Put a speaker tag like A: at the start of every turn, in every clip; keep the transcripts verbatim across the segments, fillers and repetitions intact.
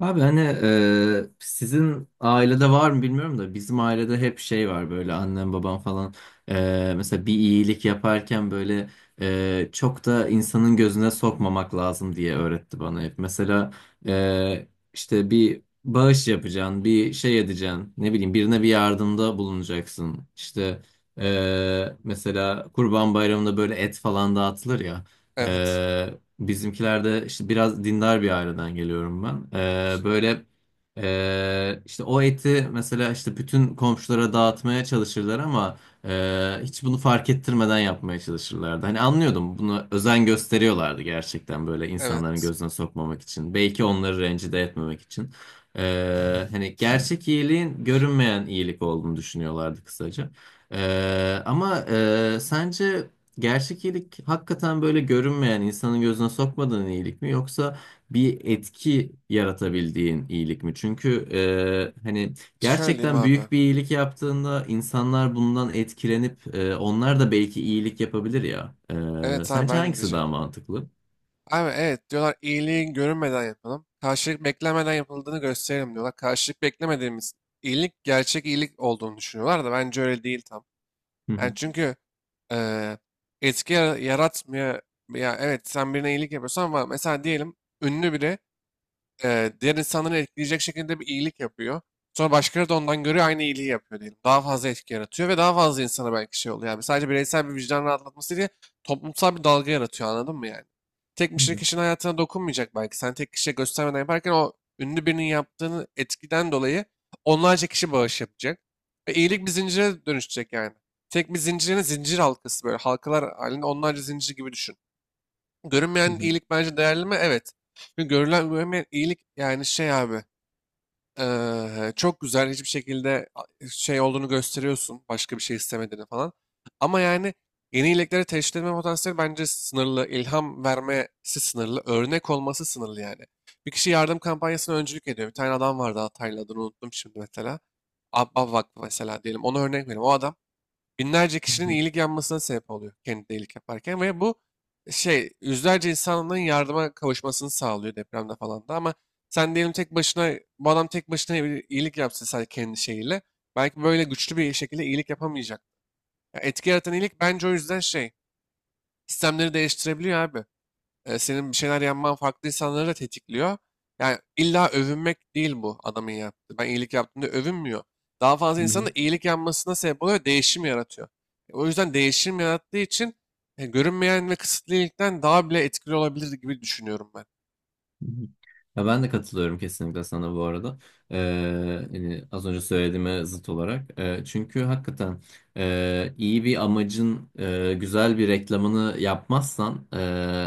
A: Abi hani e, sizin ailede var mı bilmiyorum da bizim ailede hep şey var böyle annem babam falan e, mesela bir iyilik yaparken böyle e, çok da insanın gözüne sokmamak lazım diye öğretti bana hep. Mesela e, işte bir bağış yapacaksın, bir şey edeceksin, ne bileyim birine bir yardımda bulunacaksın. İşte e, mesela Kurban Bayramı'nda böyle et falan dağıtılır ya.
B: Evet.
A: Bizimkilerde işte biraz dindar bir aileden geliyorum ben. Ee, böyle e, işte o eti mesela işte bütün komşulara dağıtmaya çalışırlar ama e, hiç bunu fark ettirmeden yapmaya çalışırlardı. Hani anlıyordum bunu özen gösteriyorlardı gerçekten böyle insanların
B: Evet.
A: gözüne sokmamak için. Belki onları rencide etmemek için. Ee, hani gerçek iyiliğin görünmeyen iyilik olduğunu düşünüyorlardı kısaca. Ee, ama e, sence gerçek iyilik hakikaten böyle görünmeyen, insanın gözüne sokmadığın iyilik mi yoksa bir etki yaratabildiğin iyilik mi? Çünkü e, hani
B: Şöyle diyeyim
A: gerçekten
B: abi.
A: büyük bir iyilik yaptığında insanlar bundan etkilenip e, onlar da belki iyilik yapabilir ya. E,
B: Evet abi
A: sence
B: ben de
A: hangisi daha
B: diyecektim.
A: mantıklı?
B: Abi evet diyorlar iyiliğin görünmeden yapalım. Karşılık beklemeden yapıldığını gösterelim diyorlar. Karşılık beklemediğimiz iyilik gerçek iyilik olduğunu düşünüyorlar da bence öyle değil tam.
A: Hı
B: Yani
A: hı.
B: çünkü eee etki yara- yaratmıyor. Ya evet sen birine iyilik yapıyorsan var. Mesela diyelim ünlü biri, e, diğer insanları etkileyecek şekilde bir iyilik yapıyor. Sonra başkaları da ondan görüyor aynı iyiliği yapıyor diyelim. Daha fazla etki yaratıyor ve daha fazla insana belki şey oluyor. Yani sadece bireysel bir vicdan rahatlatması değil, toplumsal bir dalga yaratıyor anladın mı yani? Tek bir
A: Hı
B: şey
A: hı.
B: kişinin hayatına dokunmayacak belki. Sen tek kişiye göstermeden yaparken o ünlü birinin yaptığını etkiden dolayı onlarca kişi bağış yapacak. Ve iyilik bir zincire dönüşecek yani. Tek bir zincirin zincir halkası böyle halkalar halinde onlarca zincir gibi düşün. Görünmeyen
A: Hı
B: iyilik bence değerli mi? Evet. Çünkü görülen görünmeyen iyilik yani şey abi, eee, çok güzel hiçbir şekilde a- şey olduğunu gösteriyorsun. Başka bir şey istemediğini falan. Ama yani yeni iyiliklere teşvik etme potansiyeli bence sınırlı. İlham vermesi sınırlı. Örnek olması sınırlı yani. Bir kişi yardım kampanyasına öncülük ediyor. Bir tane adam vardı Hataylı adını unuttum şimdi mesela. Abba Vakfı mesela diyelim. Ona örnek vereyim. O adam binlerce kişinin
A: hı.
B: iyilik yapmasına sebep oluyor kendi de iyilik yaparken ve bu şey yüzlerce insanın yardıma kavuşmasını sağlıyor depremde falan da. Ama sen diyelim tek başına, bu adam tek başına bir iyilik yapsa sadece kendi şeyiyle belki böyle güçlü bir şekilde iyilik yapamayacak. Ya etki yaratan iyilik bence o yüzden şey, sistemleri değiştirebiliyor abi. E, senin bir şeyler yapman farklı insanları da tetikliyor. Yani illa övünmek değil bu adamın yaptığı. Ben iyilik yaptığımda övünmüyor. Daha fazla
A: Hı
B: insanın
A: hı.
B: da iyilik yapmasına sebep oluyor, ve değişim yaratıyor. E, O yüzden değişim yarattığı için e, görünmeyen ve kısıtlı iyilikten daha bile etkili olabilir gibi düşünüyorum ben.
A: Hı hı. Ya ben de katılıyorum kesinlikle sana bu arada. Ee, hani az önce söylediğime zıt olarak. Ee, çünkü hakikaten e, iyi bir amacın e, güzel bir reklamını yapmazsan e,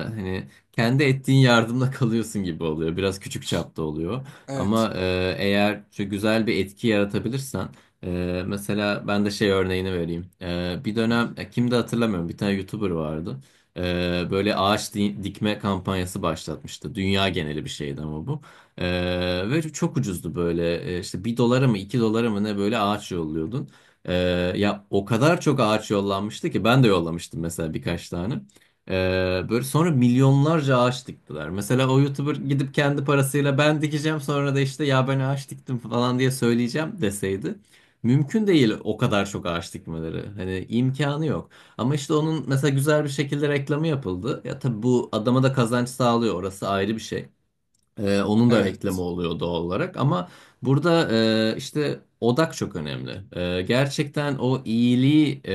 A: hani kendi ettiğin yardımla kalıyorsun gibi oluyor. Biraz küçük çapta oluyor.
B: Evet,
A: Ama e, eğer şu güzel bir etki yaratabilirsen e, mesela ben de şey örneğini vereyim. E, bir dönem ya kimdi hatırlamıyorum bir tane YouTuber vardı. Ee, böyle ağaç di- dikme kampanyası başlatmıştı. Dünya geneli bir şeydi ama bu. Ee, ve çok ucuzdu böyle. Ee, işte bir dolara mı iki dolara mı ne böyle ağaç yolluyordun. Ee, ya o kadar çok ağaç yollanmıştı ki ben de yollamıştım mesela birkaç tane. Ee, böyle sonra milyonlarca ağaç diktiler. Mesela o YouTuber gidip kendi parasıyla ben dikeceğim sonra da işte ya ben ağaç diktim falan diye söyleyeceğim deseydi. Mümkün değil o kadar çok ağaç dikmeleri. Hani imkanı yok. Ama işte onun mesela güzel bir şekilde reklamı yapıldı. Ya tabii bu adama da kazanç sağlıyor. Orası ayrı bir şey. Ee, onun da reklamı
B: evet,
A: oluyor doğal olarak. Ama burada e, işte odak çok önemli. Ee, gerçekten o iyiliği e,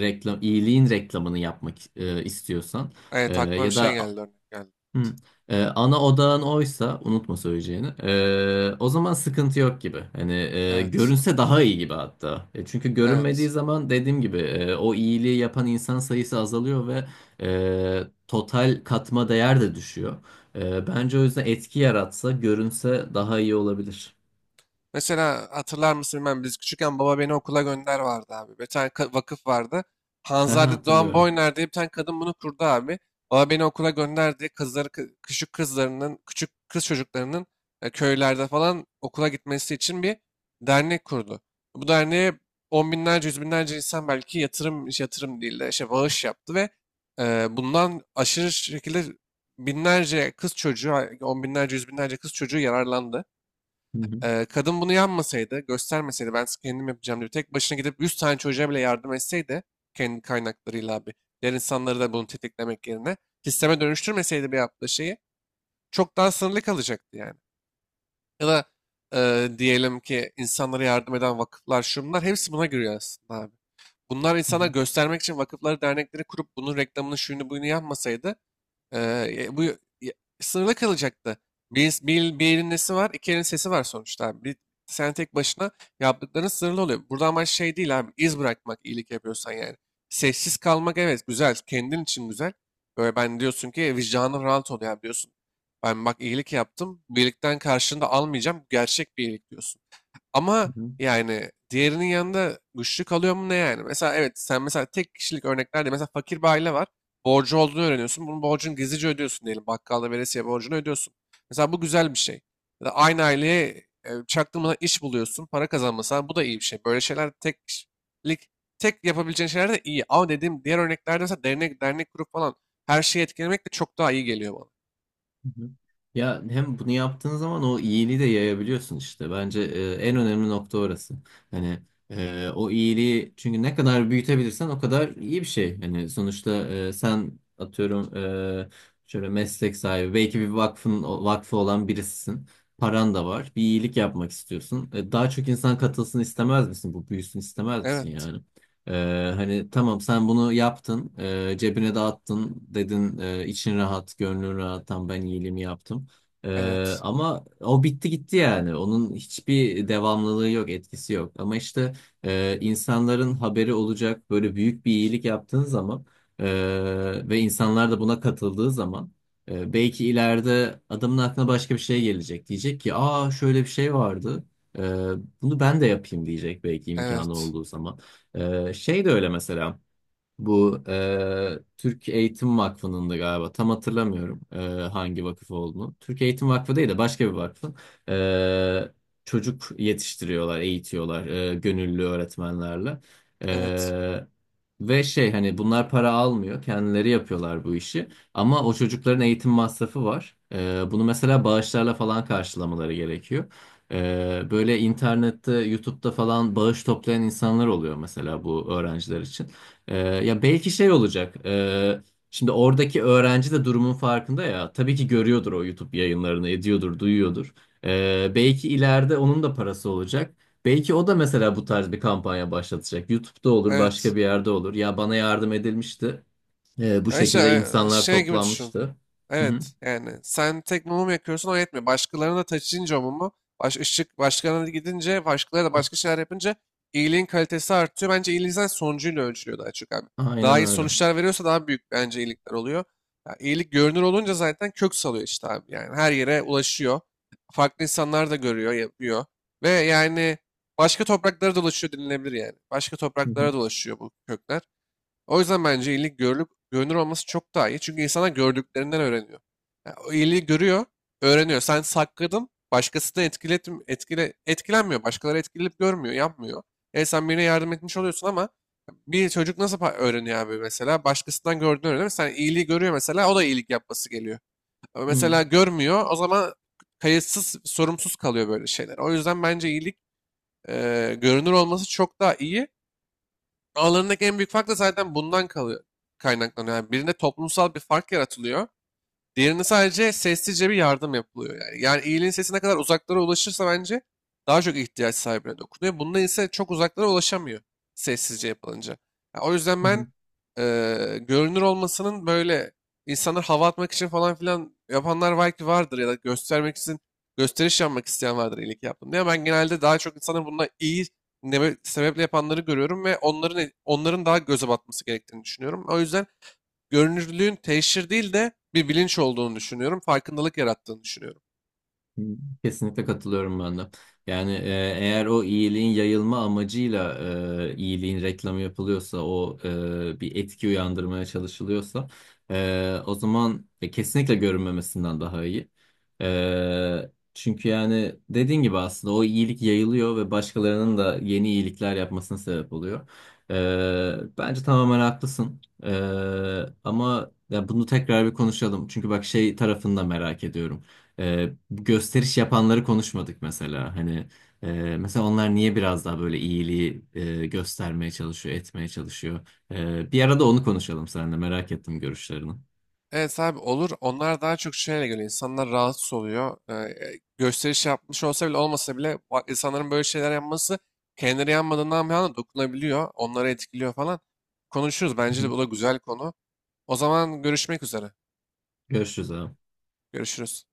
A: reklam, iyiliğin reklamını yapmak e, istiyorsan e,
B: evet, aklıma bir
A: ya
B: şey
A: da
B: geldi, örnek geldi.
A: Hı. Ee, ana odağın oysa unutma söyleyeceğini. Ee, o zaman sıkıntı yok gibi. Hani e,
B: Evet,
A: görünse daha iyi gibi hatta. E, çünkü görünmediği
B: evet.
A: zaman dediğim gibi e, o iyiliği yapan insan sayısı azalıyor ve e, total katma değer de düşüyor. E, bence o yüzden etki yaratsa görünse daha iyi olabilir.
B: Mesela hatırlar mısın bilmem, biz küçükken baba beni okula gönder vardı abi. Bir tane ka- vakıf vardı.
A: Aha,
B: Hanzade Doğan
A: hatırlıyorum.
B: Boyner diye bir tane kadın bunu kurdu abi. Baba beni okula gönder diye kızları, kı- küçük kızlarının, küçük kız çocuklarının, e, köylerde falan okula gitmesi için bir dernek kurdu. Bu derneğe on binlerce, yüz binlerce insan belki yatırım, yatırım değil de şey bağış yaptı ve, e, bundan aşırı şekilde binlerce kız çocuğu, on binlerce, yüz binlerce kız çocuğu yararlandı.
A: Hı hı.
B: Ee, kadın bunu yanmasaydı, göstermeseydi, ben kendim yapacağım diye tek başına gidip yüz tane çocuğa bile yardım etseydi, kendi kaynaklarıyla abi, diğer insanları da bunu tetiklemek yerine sisteme dönüştürmeseydi bir yaptığı şeyi, çok daha sınırlı kalacaktı yani. Ya da e, diyelim ki insanlara yardım eden vakıflar şunlar hepsi buna giriyor aslında abi. Bunlar insana göstermek için vakıfları dernekleri kurup bunun reklamını şuyunu buyunu yapmasaydı, ee, bu sınırlı kalacaktı. Bir, bir, bir elin nesi var, iki elin sesi var sonuçta abi. Bir, sen tek başına yaptıkların sınırlı oluyor. Burada amaç şey değil abi, iz bırakmak iyilik yapıyorsan yani. Sessiz kalmak evet güzel, kendin için güzel. Böyle ben diyorsun ki "E, vicdanın rahat oluyor abi" diyorsun. "Ben bak iyilik yaptım, birlikten karşında almayacağım, gerçek bir iyilik" diyorsun. Ama
A: Hı hı.
B: yani diğerinin yanında güçlü kalıyor mu ne yani? Mesela evet sen mesela tek kişilik örneklerde, mesela fakir bir aile var. Borcu olduğunu öğreniyorsun. Bunun borcunu gizlice ödüyorsun diyelim. Bakkalda veresiye borcunu ödüyorsun. Mesela bu güzel bir şey. Ya da aynı aileye e, çaktırmadan iş buluyorsun. Para kazanmasan bu da iyi bir şey. Böyle şeyler tek kişilik tek yapabileceğin şeyler de iyi. Ama dediğim diğer örneklerde mesela dernek, dernek kurup falan her şeyi etkilemek de çok daha iyi geliyor bana.
A: Hı hı. Ya hem bunu yaptığın zaman o iyiliği de yayabiliyorsun işte. Bence e, en önemli nokta orası. Hani e, o iyiliği çünkü ne kadar büyütebilirsen o kadar iyi bir şey. Hani sonuçta e, sen atıyorum e, şöyle meslek sahibi belki bir vakfın vakfı olan birisisin. Paran da var. Bir iyilik yapmak istiyorsun. E, daha çok insan katılsın istemez misin? Bu büyüsün istemez misin
B: Evet.
A: yani? Ee, hani tamam sen bunu yaptın, e, cebine dağıttın dedin, e, için rahat, gönlün rahat, tam ben iyiliğimi yaptım. Ee,
B: Evet.
A: ama o bitti gitti yani. Onun hiçbir devamlılığı yok, etkisi yok. Ama işte e, insanların haberi olacak böyle büyük bir iyilik yaptığın zaman e, ve insanlar da buna katıldığı zaman e, belki ileride adamın aklına başka bir şey gelecek. Diyecek ki, aa şöyle bir şey vardı. E, bunu ben de yapayım diyecek belki imkanı
B: Evet.
A: olduğu zaman. Ee, şey de öyle mesela. Bu e, Türk Eğitim Vakfı'nın da galiba tam hatırlamıyorum e, hangi vakıf olduğunu. Türk Eğitim Vakfı değil de başka bir vakfın. E, çocuk yetiştiriyorlar, eğitiyorlar e, gönüllü öğretmenlerle.
B: Evet.
A: E, ve şey hani bunlar para almıyor, kendileri yapıyorlar bu işi. Ama o çocukların eğitim masrafı var. E, bunu mesela bağışlarla falan karşılamaları gerekiyor. E, böyle internette, YouTube'da falan bağış toplayan insanlar oluyor mesela bu öğrenciler için. Ee, ya belki şey olacak. ee, şimdi oradaki öğrenci de durumun farkında ya. Tabii ki görüyordur o YouTube yayınlarını, ediyordur, duyuyordur. Ee, belki ileride onun da parası olacak. Belki o da mesela bu tarz bir kampanya başlatacak. YouTube'da olur,
B: Evet.
A: başka bir yerde olur. Ya bana yardım edilmişti. Ee, bu
B: Ya
A: şekilde
B: işte, e,
A: insanlar
B: şey gibi düşün.
A: toplanmıştı. Hı hı.
B: Evet yani sen tek mumu yakıyorsun o yetmiyor. Başkalarına da taşıyınca o mumu, baş, ışık başkalarına da gidince, başkaları da başka şeyler yapınca iyiliğin kalitesi artıyor. Bence iyiliğin zaten sonucuyla ölçülüyor daha çok abi. Daha
A: Aynen
B: iyi
A: öyle.
B: sonuçlar veriyorsa daha büyük bence iyilikler oluyor. Ya, iyilik görünür olunca zaten kök salıyor işte abi. Yani her yere ulaşıyor. Farklı insanlar da görüyor, yapıyor. Ve yani başka topraklara dolaşıyor denilebilir yani. Başka
A: Hı hı.
B: topraklara dolaşıyor bu kökler. O yüzden bence iyilik görülüp görünür olması çok daha iyi. Çünkü insana gördüklerinden öğreniyor. Yani o iyiliği görüyor, öğreniyor. Sen sakladın, başkası da etkilet, etkile, etkilenmiyor. Başkaları etkilenip görmüyor, yapmıyor. E sen birine yardım etmiş oluyorsun ama bir çocuk nasıl pa- öğreniyor abi mesela? Başkasından gördüğünü öğreniyor. Sen iyiliği görüyor mesela, o da iyilik yapması geliyor. Ama
A: Hı
B: mesela görmüyor, o zaman kayıtsız, sorumsuz kalıyor böyle şeyler. O yüzden bence iyilik e, görünür olması çok daha iyi. Aralarındaki en büyük fark da zaten bundan kalıyor, kaynaklanıyor. Yani birinde toplumsal bir fark yaratılıyor. Diğerinde sadece sessizce bir yardım yapılıyor yani. Yani iyiliğin sesi ne kadar uzaklara ulaşırsa bence daha çok ihtiyaç sahibine dokunuyor. Bunda ise çok uzaklara ulaşamıyor sessizce yapılınca. Ya o yüzden
A: hı.
B: ben, eee, görünür olmasının böyle, insanlar hava atmak için falan filan yapanlar belki vardır, ya da göstermek için, gösteriş yapmak isteyen vardır iyilik yaptım diye. Ama ben genelde daha çok insanın bunda iyi nebe- sebeple yapanları görüyorum ve onların onların daha göze batması gerektiğini düşünüyorum. O yüzden görünürlüğün teşhir değil de bir bilinç olduğunu düşünüyorum. Farkındalık yarattığını düşünüyorum.
A: Kesinlikle katılıyorum ben de. Yani e, eğer o iyiliğin yayılma amacıyla e, iyiliğin reklamı yapılıyorsa, o e, bir etki uyandırmaya çalışılıyorsa, e, o zaman e, kesinlikle görünmemesinden daha iyi. E, çünkü yani dediğin gibi aslında o iyilik yayılıyor ve başkalarının da yeni iyilikler yapmasına sebep oluyor. E, bence tamamen haklısın. E, ama ya bunu tekrar bir konuşalım. Çünkü bak şey tarafını da merak ediyorum. E, gösteriş yapanları konuşmadık mesela. Hani e, mesela onlar niye biraz daha böyle iyiliği e, göstermeye çalışıyor, etmeye çalışıyor. E, bir arada onu konuşalım seninle. Merak ettim görüşlerini. Hı
B: Evet abi olur. Onlar daha çok şeyle göre insanlar rahatsız oluyor. Ee, gösteriş yapmış olsa bile olmasa bile, bak- insanların böyle şeyler yapması, kendileri yanmadığından bir anda dokunabiliyor. Onları etkiliyor falan. Konuşuruz. Bence de
A: hı.
B: bu da güzel konu. O zaman görüşmek üzere.
A: Görüşürüz abi.
B: Görüşürüz.